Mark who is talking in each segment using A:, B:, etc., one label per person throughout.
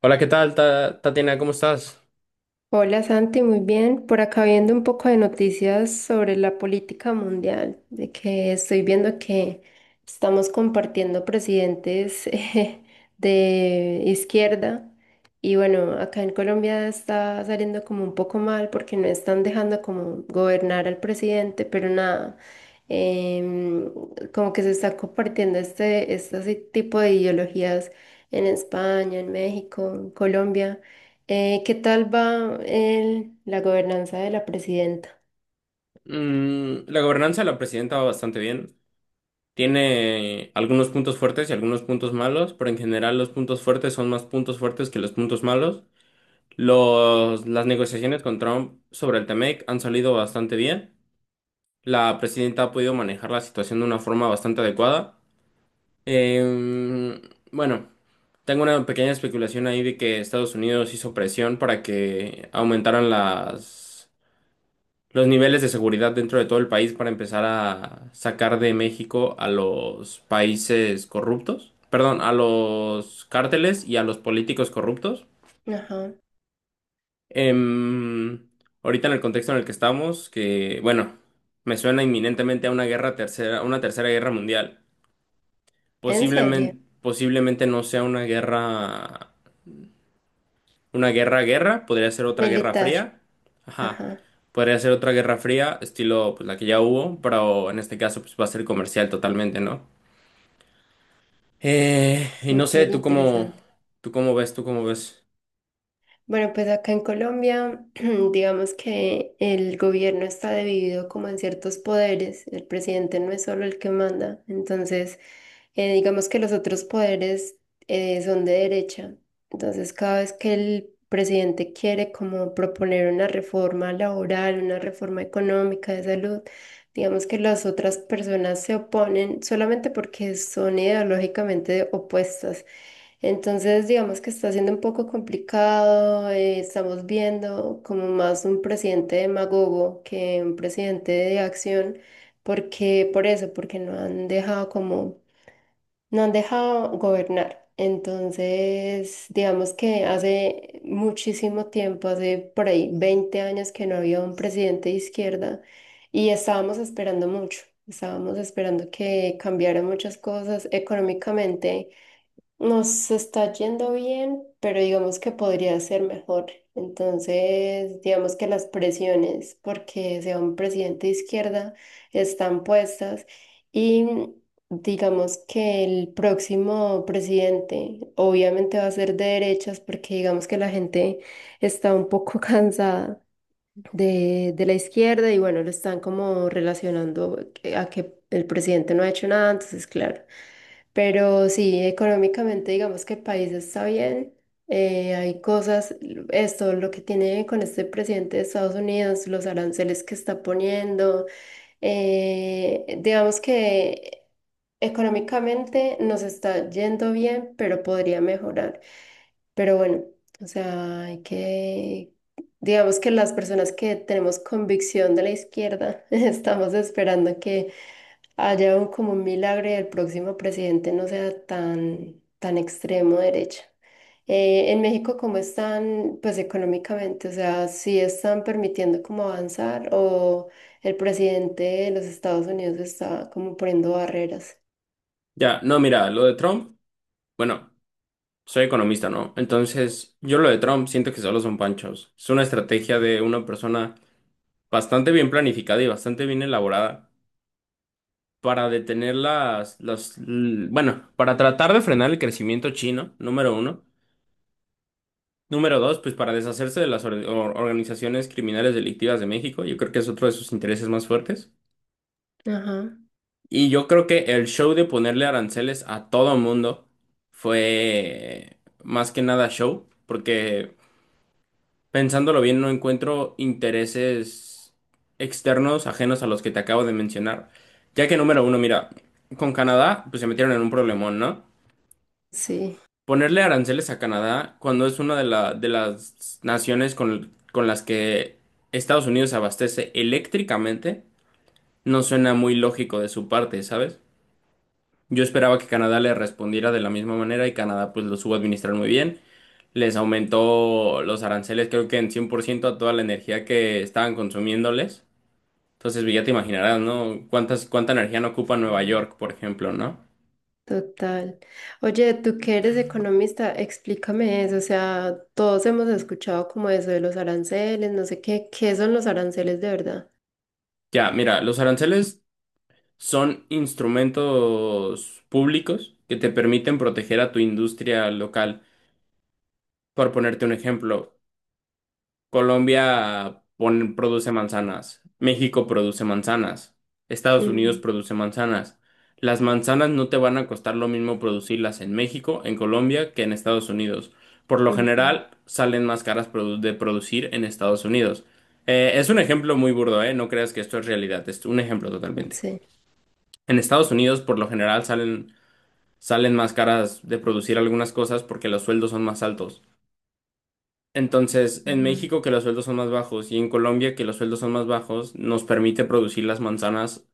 A: Hola, ¿qué tal, Tatiana? ¿Cómo estás?
B: Hola Santi, muy bien. Por acá viendo un poco de noticias sobre la política mundial, de que estoy viendo que estamos compartiendo presidentes de izquierda. Y bueno, acá en Colombia está saliendo como un poco mal porque no están dejando como gobernar al presidente, pero nada, em, como que se está compartiendo este tipo de ideologías en España, en México, en Colombia. ¿Qué tal va la gobernanza de la presidenta?
A: Mm, la gobernanza de la presidenta va bastante bien. Tiene algunos puntos fuertes y algunos puntos malos, pero en general los puntos fuertes son más puntos fuertes que los puntos malos. Las negociaciones con Trump sobre el TEMEC han salido bastante bien. La presidenta ha podido manejar la situación de una forma bastante adecuada. Em, bueno, tengo una pequeña especulación ahí de que Estados Unidos hizo presión para que aumentaran las los niveles de seguridad dentro de todo el país para empezar a sacar de México a los países corruptos, perdón, a los cárteles y a los políticos corruptos.
B: Ajá.
A: Em, ahorita en el contexto en el que estamos, que bueno, me suena inminentemente a una guerra tercera, una tercera guerra mundial.
B: ¿En serio?
A: Posiblemente no sea una guerra. Una guerra, podría ser otra guerra
B: Militar.
A: fría. Ajá.
B: Ajá,
A: Podría ser otra guerra fría, estilo pues la que ya hubo, pero en este caso pues va a ser comercial totalmente, ¿no? Y no sé,
B: súper interesante.
A: tú cómo ves, tú cómo ves.
B: Bueno, pues acá en Colombia, digamos que el gobierno está dividido como en ciertos poderes. El presidente no es solo el que manda. Entonces, digamos que los otros poderes son de derecha. Entonces, cada vez que el presidente quiere como proponer una reforma laboral, una reforma económica de salud, digamos que las otras personas se oponen solamente porque son ideológicamente opuestas. Entonces, digamos que está siendo un poco complicado. Estamos viendo como más un presidente demagogo que un presidente de acción, porque por eso, porque no han dejado como, no han dejado gobernar. Entonces, digamos que hace muchísimo tiempo, hace por ahí 20 años que no había un presidente de izquierda y estábamos esperando mucho. Estábamos esperando que cambiaran muchas cosas económicamente. Nos está yendo bien, pero digamos que podría ser mejor. Entonces, digamos que las presiones, porque sea un presidente de izquierda, están puestas y digamos que el próximo presidente obviamente va a ser de derechas, porque digamos que la gente está un poco cansada de la izquierda. Y bueno, lo están como relacionando a que el presidente no ha hecho nada, entonces, claro. Pero sí, económicamente digamos que el país está bien. Hay cosas, esto lo que tiene con este presidente de Estados Unidos, los aranceles que está poniendo, digamos que económicamente nos está yendo bien, pero podría mejorar. Pero bueno, o sea, hay que, digamos que las personas que tenemos convicción de la izquierda, estamos esperando que allá un, como un milagro, y el próximo presidente no sea tan, tan extremo derecha. En México, ¿cómo están, pues económicamente? O sea, ¿si están permitiendo como avanzar o el presidente de los Estados Unidos está como poniendo barreras?
A: Ya, no, mira, lo de Trump, bueno, soy economista, ¿no? Entonces, yo lo de Trump siento que solo son panchos. Es una estrategia de una persona bastante bien planificada y bastante bien elaborada para detener bueno, para tratar de frenar el crecimiento chino, número uno. Número dos, pues para deshacerse de las organizaciones criminales delictivas de México, yo creo que es otro de sus intereses más fuertes.
B: Ajá,
A: Y yo creo que el show de ponerle aranceles a todo mundo fue más que nada show, porque pensándolo bien no encuentro intereses externos ajenos a los que te acabo de mencionar. Ya que número uno, mira, con Canadá pues se metieron en un problemón, ¿no?
B: sí,
A: Ponerle aranceles a Canadá cuando es una de las naciones con las que Estados Unidos se abastece eléctricamente, no suena muy lógico de su parte, ¿sabes? Yo esperaba que Canadá le respondiera de la misma manera y Canadá pues lo supo administrar muy bien. Les aumentó los aranceles creo que en 100% a toda la energía que estaban consumiéndoles. Entonces pues, ya te imaginarás, ¿no? ¿ Cuánta energía no ocupa Nueva York, por ejemplo, ¿no?
B: total. Oye, tú que eres economista, explícame eso. O sea, todos hemos escuchado como eso de los aranceles, no sé qué, ¿qué son los aranceles de verdad?
A: Ya, mira, los aranceles son instrumentos públicos que te permiten proteger a tu industria local. Por ponerte un ejemplo, Colombia produce manzanas, México produce manzanas, Estados Unidos
B: Ujú,
A: produce manzanas. Las manzanas no te van a costar lo mismo producirlas en México, en Colombia, que en Estados Unidos. Por lo
B: ujú.
A: general, salen más caras de producir en Estados Unidos. Es un ejemplo muy burdo, ¿eh? No creas que esto es realidad, es un ejemplo totalmente.
B: Sí.
A: En Estados Unidos, por lo general, salen más caras de producir algunas cosas porque los sueldos son más altos. Entonces, en
B: Ujú.
A: México que los sueldos son más bajos y en Colombia que los sueldos son más bajos, nos permite producir las manzanas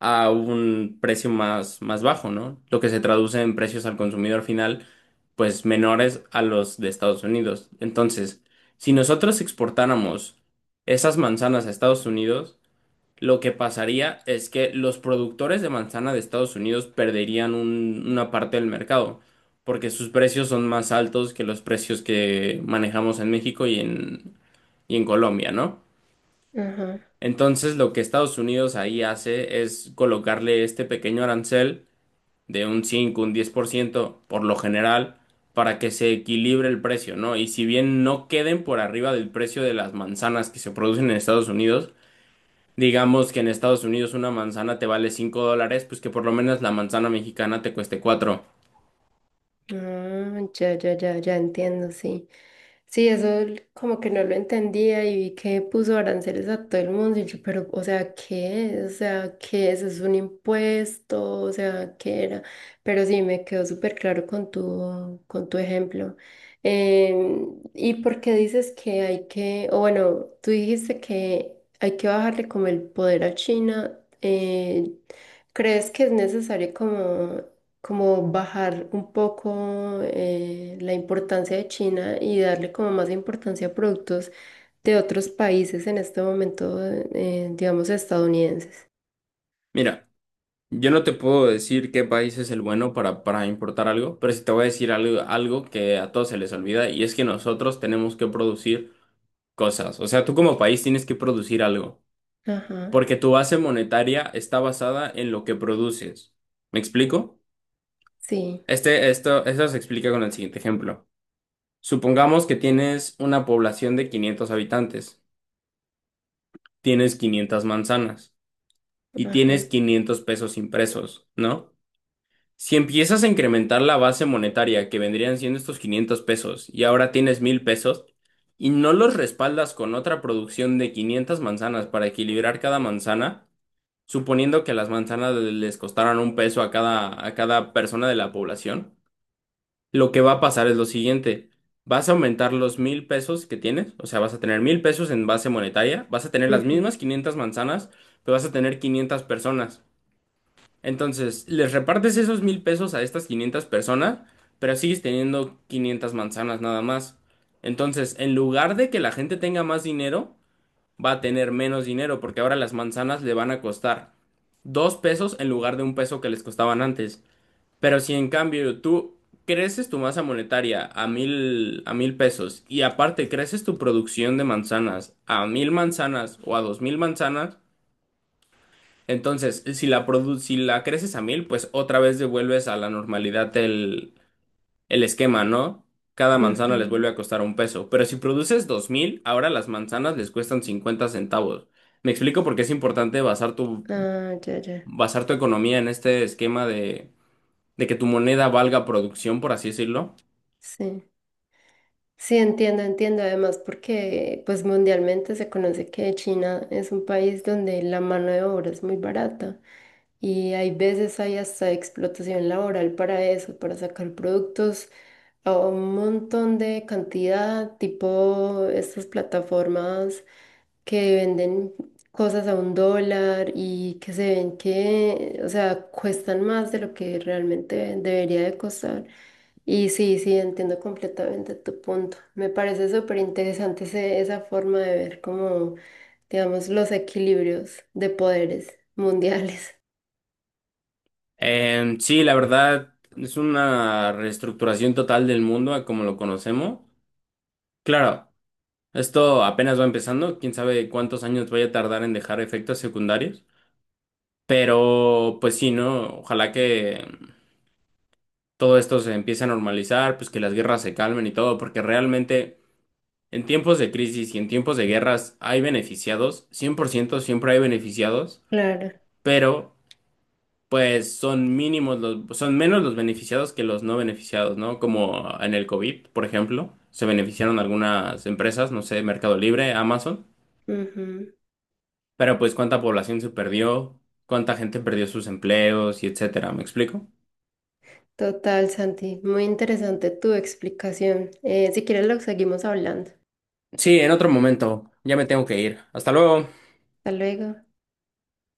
A: a un precio más bajo, ¿no? Lo que se traduce en precios al consumidor final, pues menores a los de Estados Unidos. Entonces, si nosotros exportáramos esas manzanas a Estados Unidos, lo que pasaría es que los productores de manzana de Estados Unidos perderían una parte del mercado, porque sus precios son más altos que los precios que manejamos en México y en Colombia, ¿no?
B: Ajá.
A: Entonces, lo que Estados Unidos ahí hace es colocarle este pequeño arancel de un 5, un 10%, por lo general, para que se equilibre el precio, ¿no? Y si bien no queden por arriba del precio de las manzanas que se producen en Estados Unidos, digamos que en Estados Unidos una manzana te vale 5 dólares, pues que por lo menos la manzana mexicana te cueste cuatro.
B: Ah, ya, ya, ya, ya entiendo, sí. Sí, eso l- como que no lo entendía y vi que puso aranceles a todo el mundo y yo, pero, o sea, ¿qué? O sea, ¿qué es? ¿Es un impuesto? O sea, ¿qué era? Pero sí, me quedó súper claro con con tu ejemplo. ¿Y por qué dices que hay que, o bueno, tú dijiste que hay que bajarle como el poder a China? ¿Crees que es necesario como como bajar un poco la importancia de China y darle como más importancia a productos de otros países en este momento, digamos, estadounidenses?
A: Mira, yo no te puedo decir qué país es el bueno para importar algo, pero sí te voy a decir algo, algo que a todos se les olvida y es que nosotros tenemos que producir cosas. O sea, tú como país tienes que producir algo,
B: Ajá,
A: porque tu base monetaria está basada en lo que produces. ¿Me explico?
B: sí,
A: Esto se explica con el siguiente ejemplo. Supongamos que tienes una población de 500 habitantes. Tienes 500 manzanas y
B: ajá.
A: tienes 500 pesos impresos, ¿no? Si empiezas a incrementar la base monetaria que vendrían siendo estos 500 pesos y ahora tienes 1000 pesos y no los respaldas con otra producción de 500 manzanas para equilibrar cada manzana, suponiendo que las manzanas les costaran un peso a cada persona de la población, lo que va a pasar es lo siguiente. Vas a aumentar los mil pesos que tienes, o sea, vas a tener mil pesos en base monetaria, vas a tener las
B: Ujú,
A: mismas 500 manzanas, pero vas a tener 500 personas. Entonces, les repartes esos mil pesos a estas 500 personas, pero sigues teniendo 500 manzanas nada más. Entonces, en lugar de que la gente tenga más dinero, va a tener menos dinero, porque ahora las manzanas le van a costar dos pesos en lugar de un peso que les costaban antes. Pero si en cambio tú creces tu masa monetaria a 1000 pesos y aparte creces tu producción de manzanas a 1000 manzanas o a 2000 manzanas, entonces si si la creces a 1000, pues otra vez devuelves a la normalidad el esquema, ¿no? Cada manzana les
B: ujú.
A: vuelve a costar un peso. Pero si produces 2000, ahora las manzanas les cuestan 50 centavos. Me explico por qué es importante
B: Ah, ya, ya,
A: basar tu economía en este esquema de que tu moneda valga producción, por así decirlo.
B: sí. Sí, entiendo, entiendo. Además, porque pues mundialmente se conoce que China es un país donde la mano de obra es muy barata y hay veces hay hasta explotación laboral para eso, para sacar productos o un montón de cantidad, tipo estas plataformas que venden cosas a un dólar y que se ven que, o sea, cuestan más de lo que realmente debería de costar. Y sí, sí, entiendo completamente tu punto. Me parece súper interesante esa forma de ver como, digamos, los equilibrios de poderes mundiales.
A: Sí, la verdad es una reestructuración total del mundo a como lo conocemos. Claro, esto apenas va empezando, quién sabe cuántos años vaya a tardar en dejar efectos secundarios, pero pues sí, ¿no? Ojalá que todo esto se empiece a normalizar, pues que las guerras se calmen y todo, porque realmente en tiempos de crisis y en tiempos de guerras hay beneficiados. 100% siempre hay beneficiados,
B: Claro.
A: pero pues son mínimos los, son menos los beneficiados que los no beneficiados, ¿no? Como en el COVID, por ejemplo, se beneficiaron algunas empresas, no sé, Mercado Libre, Amazon,
B: Ujú.
A: pero pues cuánta población se perdió, cuánta gente perdió sus empleos y etcétera, ¿me explico?
B: Total, Santi. Muy interesante tu explicación. Si quieres, lo seguimos hablando.
A: Sí, en otro momento, ya me tengo que ir. Hasta luego.
B: Hasta luego.